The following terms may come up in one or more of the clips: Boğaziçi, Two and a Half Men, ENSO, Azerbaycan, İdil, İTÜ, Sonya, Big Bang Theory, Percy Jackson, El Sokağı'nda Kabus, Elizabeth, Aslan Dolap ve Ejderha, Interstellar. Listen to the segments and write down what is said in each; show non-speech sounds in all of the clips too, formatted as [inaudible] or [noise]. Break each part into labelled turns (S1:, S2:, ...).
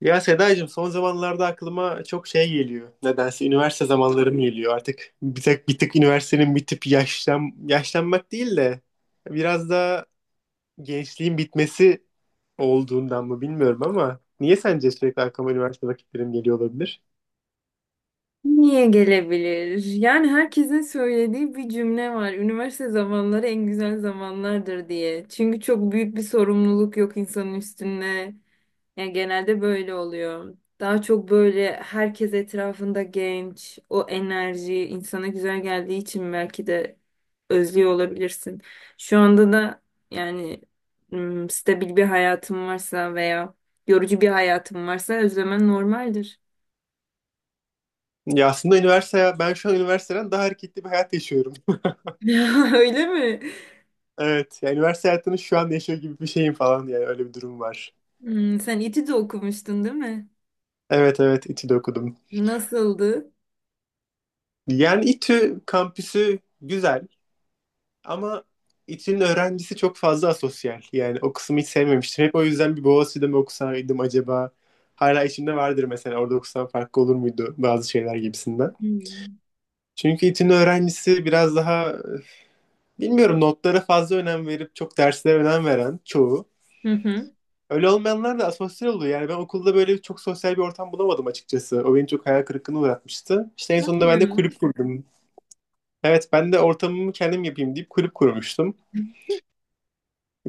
S1: Ya Sedacığım, son zamanlarda aklıma çok şey geliyor. Nedense üniversite zamanlarım geliyor. Artık bir tık üniversitenin bitip yaşlanmak değil de biraz da gençliğin bitmesi olduğundan mı bilmiyorum ama niye sence sürekli aklıma üniversite vakitlerim geliyor olabilir?
S2: Niye gelebilir? Yani herkesin söylediği bir cümle var. Üniversite zamanları en güzel zamanlardır diye. Çünkü çok büyük bir sorumluluk yok insanın üstünde. Yani genelde böyle oluyor. Daha çok böyle herkes etrafında genç, o enerji insana güzel geldiği için belki de özlüyor olabilirsin. Şu anda da yani stabil bir hayatım varsa veya yorucu bir hayatım varsa özlemen normaldir.
S1: Ya aslında ben şu an üniversiteden daha hareketli bir hayat yaşıyorum. [laughs]
S2: [laughs] Öyle mi?
S1: Evet, yani üniversite hayatını şu an yaşıyor gibi bir şeyim falan, yani öyle bir durum var.
S2: Hmm, sen İTÜ'de de okumuştun değil mi?
S1: Evet, evet, İTÜ'de okudum.
S2: Nasıldı?
S1: Yani İTÜ kampüsü güzel. Ama İTÜ'nün öğrencisi çok fazla asosyal. Yani o kısmı hiç sevmemiştim. Hep o yüzden bir Boğaziçi'de mi okusaydım acaba? Hala içimde vardır, mesela orada okusam farklı olur muydu bazı şeyler gibisinden.
S2: Hmm.
S1: Çünkü İTÜ'nün öğrencisi biraz daha bilmiyorum, notlara fazla önem verip çok derslere önem veren çoğu.
S2: Hı hı.
S1: Öyle olmayanlar da asosyal oluyor. Yani ben okulda böyle çok sosyal bir ortam bulamadım açıkçası. O beni çok hayal kırıklığına uğratmıştı. İşte en
S2: Tamam
S1: sonunda ben de
S2: ya.
S1: kulüp kurdum. Evet, ben de ortamımı kendim yapayım deyip kulüp kurmuştum.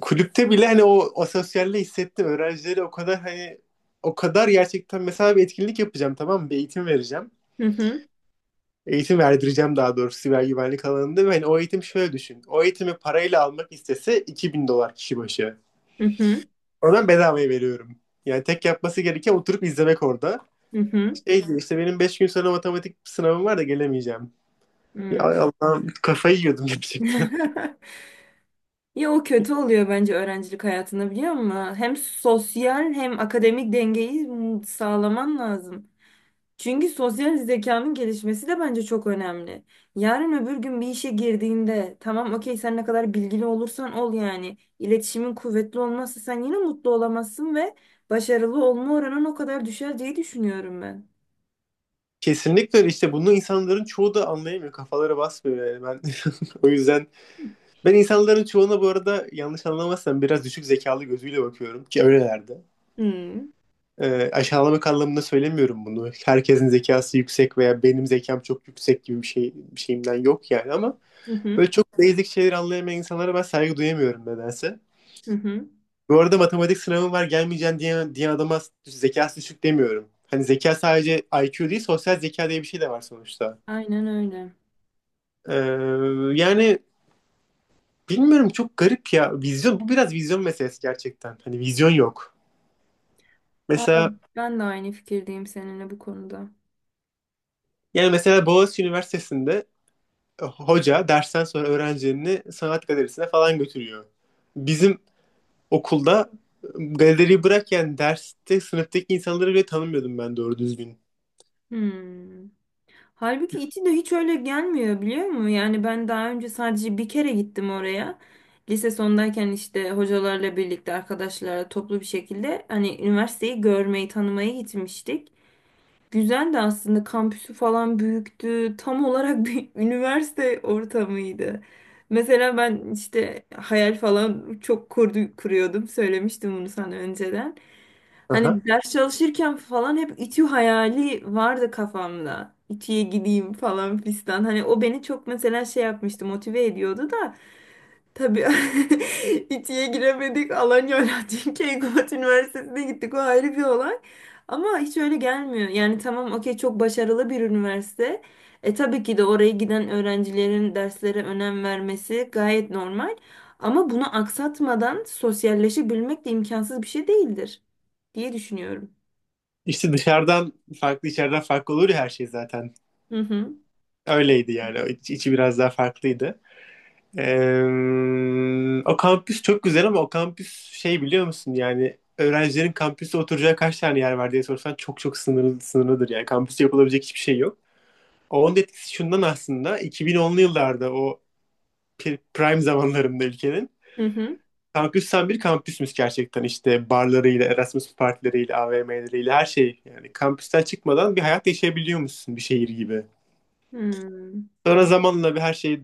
S1: Kulüpte bile hani o asosyalliği hissettim. Öğrencileri o kadar, hani o kadar gerçekten, mesela bir etkinlik yapacağım, tamam mı? Bir eğitim vereceğim.
S2: Hı hı.
S1: Eğitim verdireceğim daha doğrusu, siber güvenlik alanında. Ve hani o eğitim şöyle düşün. O eğitimi parayla almak istese 2.000 dolar kişi başı.
S2: Hı hı.
S1: Oradan bedavaya veriyorum. Yani tek yapması gereken oturup izlemek orada.
S2: Hı hı.
S1: Şey diyor işte, benim 5 gün sonra matematik sınavım var da gelemeyeceğim. Ya
S2: Hmm.
S1: Allah'ım, kafayı yiyordum gerçekten.
S2: [laughs] Ya o kötü oluyor bence öğrencilik hayatında biliyor musun? Hem sosyal hem akademik dengeyi sağlaman lazım. Çünkü sosyal zekanın gelişmesi de bence çok önemli. Yarın öbür gün bir işe girdiğinde tamam okey sen ne kadar bilgili olursan ol yani. İletişimin kuvvetli olmazsa sen yine mutlu olamazsın ve başarılı olma oranın o kadar düşer diye düşünüyorum ben.
S1: [laughs] Kesinlikle öyle. İşte bunu insanların çoğu da anlayamıyor. Kafaları basmıyor, yani ben. [laughs] O yüzden ben insanların çoğuna, bu arada, yanlış anlamazsam biraz düşük zekalı gözüyle bakıyorum ki öylelerdi.
S2: Hmm.
S1: Aşağılamak anlamında söylemiyorum bunu. Herkesin zekası yüksek veya benim zekam çok yüksek gibi bir şeyimden yok yani, ama
S2: Hı hı.
S1: böyle çok basic şeyleri anlayamayan insanlara ben saygı duyamıyorum nedense.
S2: Hı hı.
S1: Bu arada matematik sınavım var gelmeyeceğim diye adama zekası düşük demiyorum. Hani zeka sadece IQ değil, sosyal zeka diye bir şey de var sonuçta.
S2: Aynen öyle.
S1: Ee, yani bilmiyorum, çok garip ya. Vizyon bu, biraz vizyon meselesi gerçekten. Hani vizyon yok. Mesela
S2: Vallahi ben de aynı fikirdeyim seninle bu konuda.
S1: yani mesela Boğaziçi Üniversitesi'nde, hoca dersten sonra öğrencilerini sanat galerisine falan götürüyor. Bizim okulda, galeriyi bırak, yani derste sınıftaki insanları bile tanımıyordum ben doğru düzgün.
S2: Hmm. Halbuki içi de hiç öyle gelmiyor biliyor musun? Yani ben daha önce sadece bir kere gittim oraya. Lise sondayken işte hocalarla birlikte arkadaşlarla toplu bir şekilde hani üniversiteyi görmeyi, tanımayı gitmiştik. Güzel de aslında kampüsü falan büyüktü. Tam olarak bir [laughs] üniversite ortamıydı. Mesela ben işte hayal falan kuruyordum. Söylemiştim bunu sana önceden.
S1: Aha.
S2: Hani ders çalışırken falan hep İTÜ hayali vardı kafamda. İTÜ'ye gideyim falan fistan. Hani o beni çok mesela şey yapmıştı, motive ediyordu da. Tabii [laughs] İTÜ'ye giremedik. Alanya Alaaddin [laughs] Keykubat Üniversitesi'ne gittik. O ayrı bir olay. Ama hiç öyle gelmiyor. Yani tamam okey çok başarılı bir üniversite. E tabii ki de oraya giden öğrencilerin derslere önem vermesi gayet normal. Ama bunu aksatmadan sosyalleşebilmek de imkansız bir şey değildir diye düşünüyorum.
S1: İşte dışarıdan farklı, içeriden farklı olur ya her şey zaten.
S2: Hı hı.
S1: Öyleydi yani. O içi biraz daha farklıydı. O kampüs çok güzel ama o kampüs şey, biliyor musun, yani öğrencilerin kampüste oturacağı kaç tane yer var diye sorsan çok çok sınırlıdır, yani kampüste yapılabilecek hiçbir şey yok. Onun etkisi şundan, aslında 2010'lu yıllarda, o prime zamanlarında ülkenin,
S2: Hı hı.
S1: kampüs tam bir kampüsmüş gerçekten, işte barlarıyla, Erasmus partileriyle, AVM'leriyle her şey, yani kampüsten çıkmadan bir hayat yaşayabiliyormuşsun, bir şehir gibi.
S2: Hmm.
S1: Sonra zamanla bir her şey,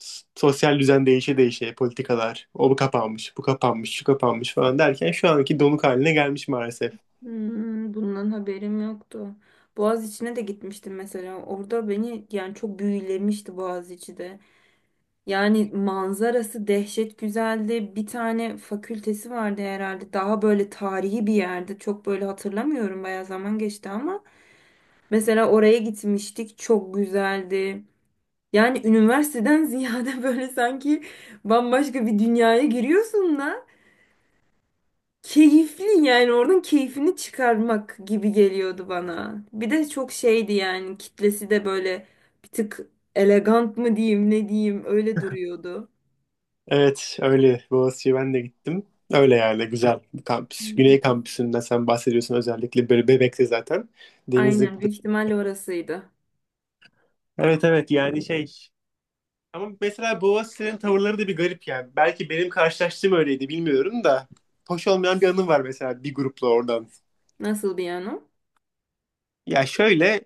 S1: sosyal düzen değişe değişe, politikalar, o bu kapanmış, bu kapanmış, şu kapanmış falan derken şu anki donuk haline gelmiş maalesef.
S2: Hmm, bundan haberim yoktu. Boğaziçi'ne de gitmiştim mesela. Orada beni yani çok büyülemişti Boğaziçi de. Yani manzarası dehşet güzeldi. Bir tane fakültesi vardı herhalde. Daha böyle tarihi bir yerde. Çok böyle hatırlamıyorum. Bayağı zaman geçti ama. Mesela oraya gitmiştik. Çok güzeldi. Yani üniversiteden ziyade [laughs] böyle sanki bambaşka bir dünyaya giriyorsun da. Keyifli yani oradan keyfini çıkarmak gibi geliyordu bana. Bir de çok şeydi yani kitlesi de böyle bir tık elegant mı diyeyim ne diyeyim öyle duruyordu.
S1: Evet öyle, Boğaziçi'ye ben de gittim. Öyle yerle güzel bir kampüs.
S2: Hmm.
S1: Güney kampüsünden sen bahsediyorsun özellikle, böyle Bebek'te zaten. Denizli.
S2: Aynen, büyük ihtimalle orasıydı.
S1: Evet, evet, yani şey, ama mesela Boğaziçi'nin tavırları da bir garip yani. Belki benim karşılaştığım öyleydi, bilmiyorum da. Hoş olmayan bir anım var mesela, bir grupla oradan.
S2: Nasıl bir yani o?
S1: Ya şöyle,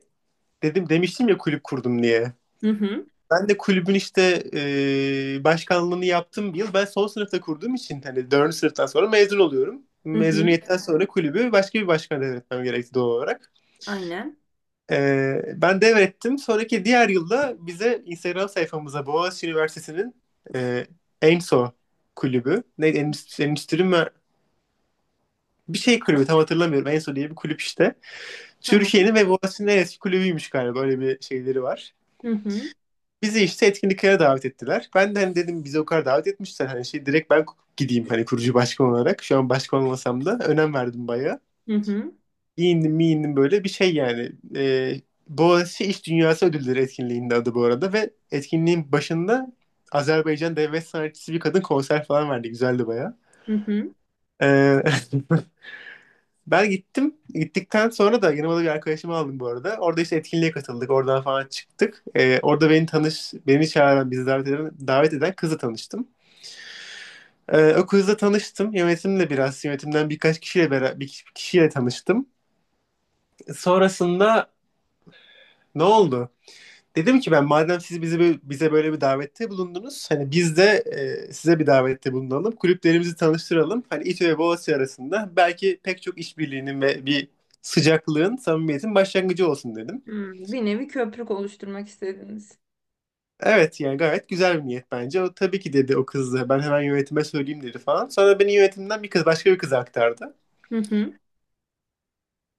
S1: dedim demiştim ya kulüp kurdum diye.
S2: Hı hı,
S1: Ben de kulübün işte başkanlığını yaptım bir yıl. Ben son sınıfta kurduğum için hani dördüncü sınıftan sonra mezun oluyorum.
S2: hı hı,
S1: Mezuniyetten sonra kulübü başka bir başkana devretmem gerekti doğal olarak.
S2: aynen,
S1: Ben devrettim. Sonraki diğer yılda bize, Instagram sayfamıza, Boğaziçi Üniversitesi'nin e, ENSO kulübü. Neydi? Endüstri, endüstri mi? Bir şey kulübü, tam hatırlamıyorum. ENSO diye bir kulüp işte.
S2: tamam.
S1: Türkiye'nin ve Boğaziçi'nin en eski kulübüymüş galiba. Böyle bir şeyleri var.
S2: Hı hı,
S1: Bizi işte etkinliklere davet ettiler. Ben de hani dedim bizi o kadar davet etmişler. Hani şey, direkt ben gideyim hani, kurucu başkan olarak. Şu an başkan olmasam da önem verdim bayağı.
S2: hı hı,
S1: Giyindim miyindim böyle bir şey yani. Boğaziçi İş Dünyası Ödülleri etkinliğinde adı, bu arada. Ve etkinliğin başında Azerbaycan devlet sanatçısı bir kadın konser falan verdi. Güzeldi bayağı.
S2: hı hı.
S1: Ee, [laughs] Ben gittim. Gittikten sonra da yanıma da bir arkadaşımı aldım, bu arada. Orada işte etkinliğe katıldık. Oradan falan çıktık. Orada beni çağıran, bizi davet eden kızla tanıştım. O kızla tanıştım. Yönetimle biraz, yönetimden birkaç kişiyle beraber, bir kişiyle tanıştım. Sonrasında ne oldu? Dedim ki ben, madem siz bizi bize böyle bir davette bulundunuz, hani biz de size bir davette bulunalım. Kulüplerimizi tanıştıralım. Hani İTÜ ve Boğaziçi arasında belki pek çok işbirliğinin ve bir sıcaklığın, samimiyetin başlangıcı olsun dedim.
S2: Hmm, bir nevi köprük oluşturmak istediniz.
S1: Evet yani, gayet güzel bir niyet bence. O tabii ki dedi, o kız da ben hemen yönetime söyleyeyim dedi falan. Sonra beni yönetimden bir kız başka bir kıza aktardı.
S2: Hı hı,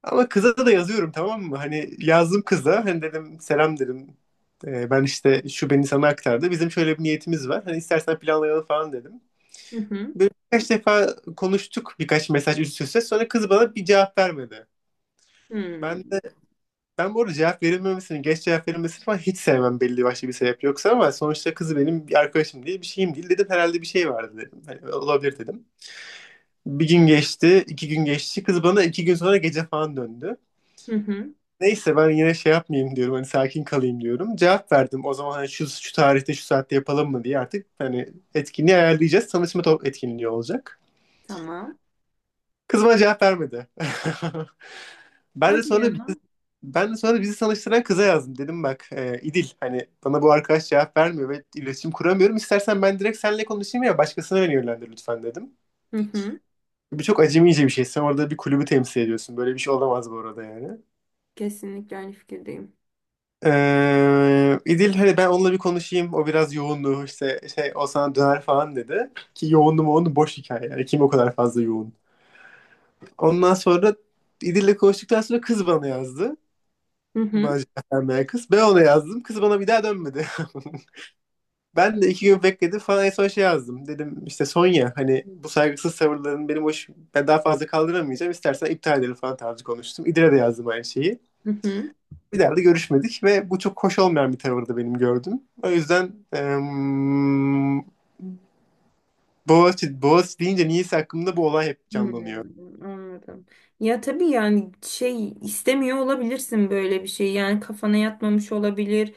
S1: Ama kıza da yazıyorum, tamam mı? Hani yazdım kıza. Hani dedim selam dedim. Ben işte, şu beni sana aktardı. Bizim şöyle bir niyetimiz var. Hani istersen planlayalım falan dedim.
S2: hı hı,
S1: Böyle birkaç defa konuştuk, birkaç mesaj üst üste. Sonra kız bana bir cevap vermedi. Ben
S2: hmm,
S1: de, ben bu arada cevap verilmemesini, geç cevap verilmesini falan hiç sevmem belli başlı bir sebep yoksa, ama sonuçta kızı benim bir arkadaşım değil, bir şeyim değil dedim. Herhalde bir şey vardı dedim. Hani olabilir dedim. Bir gün geçti, 2 gün geçti. Kız bana 2 gün sonra gece falan döndü.
S2: hı hı,
S1: Neyse, ben yine şey yapmayayım diyorum, hani sakin kalayım diyorum. Cevap verdim o zaman, hani şu, şu tarihte şu saatte yapalım mı diye, artık hani etkinliği ayarlayacağız. Tanışma etkinliği olacak.
S2: tamam.
S1: Kız bana cevap vermedi. [laughs] Ben de
S2: Hadi
S1: sonra
S2: ya.
S1: bizi, ben de sonra bizi tanıştıran kıza yazdım. Dedim bak, İdil, hani bana bu arkadaş cevap vermiyor ve iletişim kuramıyorum. İstersen ben direkt seninle konuşayım ya başkasına beni yönlendir lütfen dedim.
S2: Hı hı,
S1: Bu çok acemice bir şey. Sen orada bir kulübü temsil ediyorsun. Böyle bir şey olamaz bu arada, yani.
S2: kesinlikle aynı fikirdeyim.
S1: İdil, hani ben onunla bir konuşayım. O biraz yoğundu işte, şey, o sana döner falan dedi. Ki yoğundu mu, onu boş hikaye. Yani kim o kadar fazla yoğun. Ondan sonra, İdil'le konuştuktan sonra, kız bana yazdı.
S2: Hı hı,
S1: Macerden meğer kız. Ben ona yazdım. Kız bana bir daha dönmedi. [laughs] Ben de 2 gün bekledim falan, en son şey yazdım. Dedim işte Sonya, hani bu saygısız tavırların benim hoş, ben daha fazla kaldıramayacağım. İstersen iptal edelim falan tarzı konuştum. İdil'e de yazdım aynı şeyi.
S2: hı hı.
S1: Bir daha da görüşmedik ve bu çok hoş olmayan bir tavırdı benim gördüm. O yüzden Boğaziçi, Boğaziçi deyince niyeyse aklımda bu olay hep
S2: Hmm,
S1: canlanıyor.
S2: anladım. Ya tabii yani şey istemiyor olabilirsin böyle bir şey. Yani kafana yatmamış olabilir.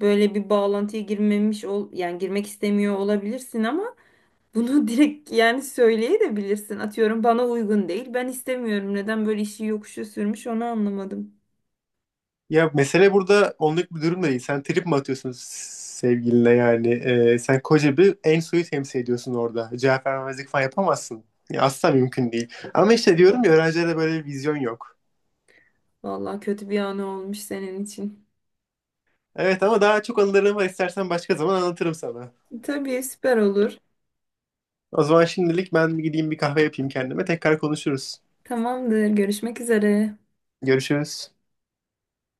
S2: Böyle bir bağlantıya girmemiş ol yani girmek istemiyor olabilirsin ama bunu [laughs] direkt yani söyleyebilirsin. Atıyorum bana uygun değil. Ben istemiyorum. Neden böyle işi yokuşa sürmüş onu anlamadım.
S1: Ya mesele burada onluk bir durum da değil. Sen trip mi atıyorsun sevgiline yani? Sen koca bir en suyu temsil ediyorsun orada. Cevap vermemezlik falan yapamazsın. Ya asla mümkün değil. Ama işte diyorum ya öğrencilerde böyle bir vizyon yok.
S2: Vallahi kötü bir anı olmuş senin için.
S1: Evet, ama daha çok anılarım var. İstersen başka zaman anlatırım sana.
S2: Tabii süper olur.
S1: O zaman şimdilik ben bir gideyim bir kahve yapayım kendime. Tekrar konuşuruz.
S2: Tamamdır. Görüşmek üzere.
S1: Görüşürüz.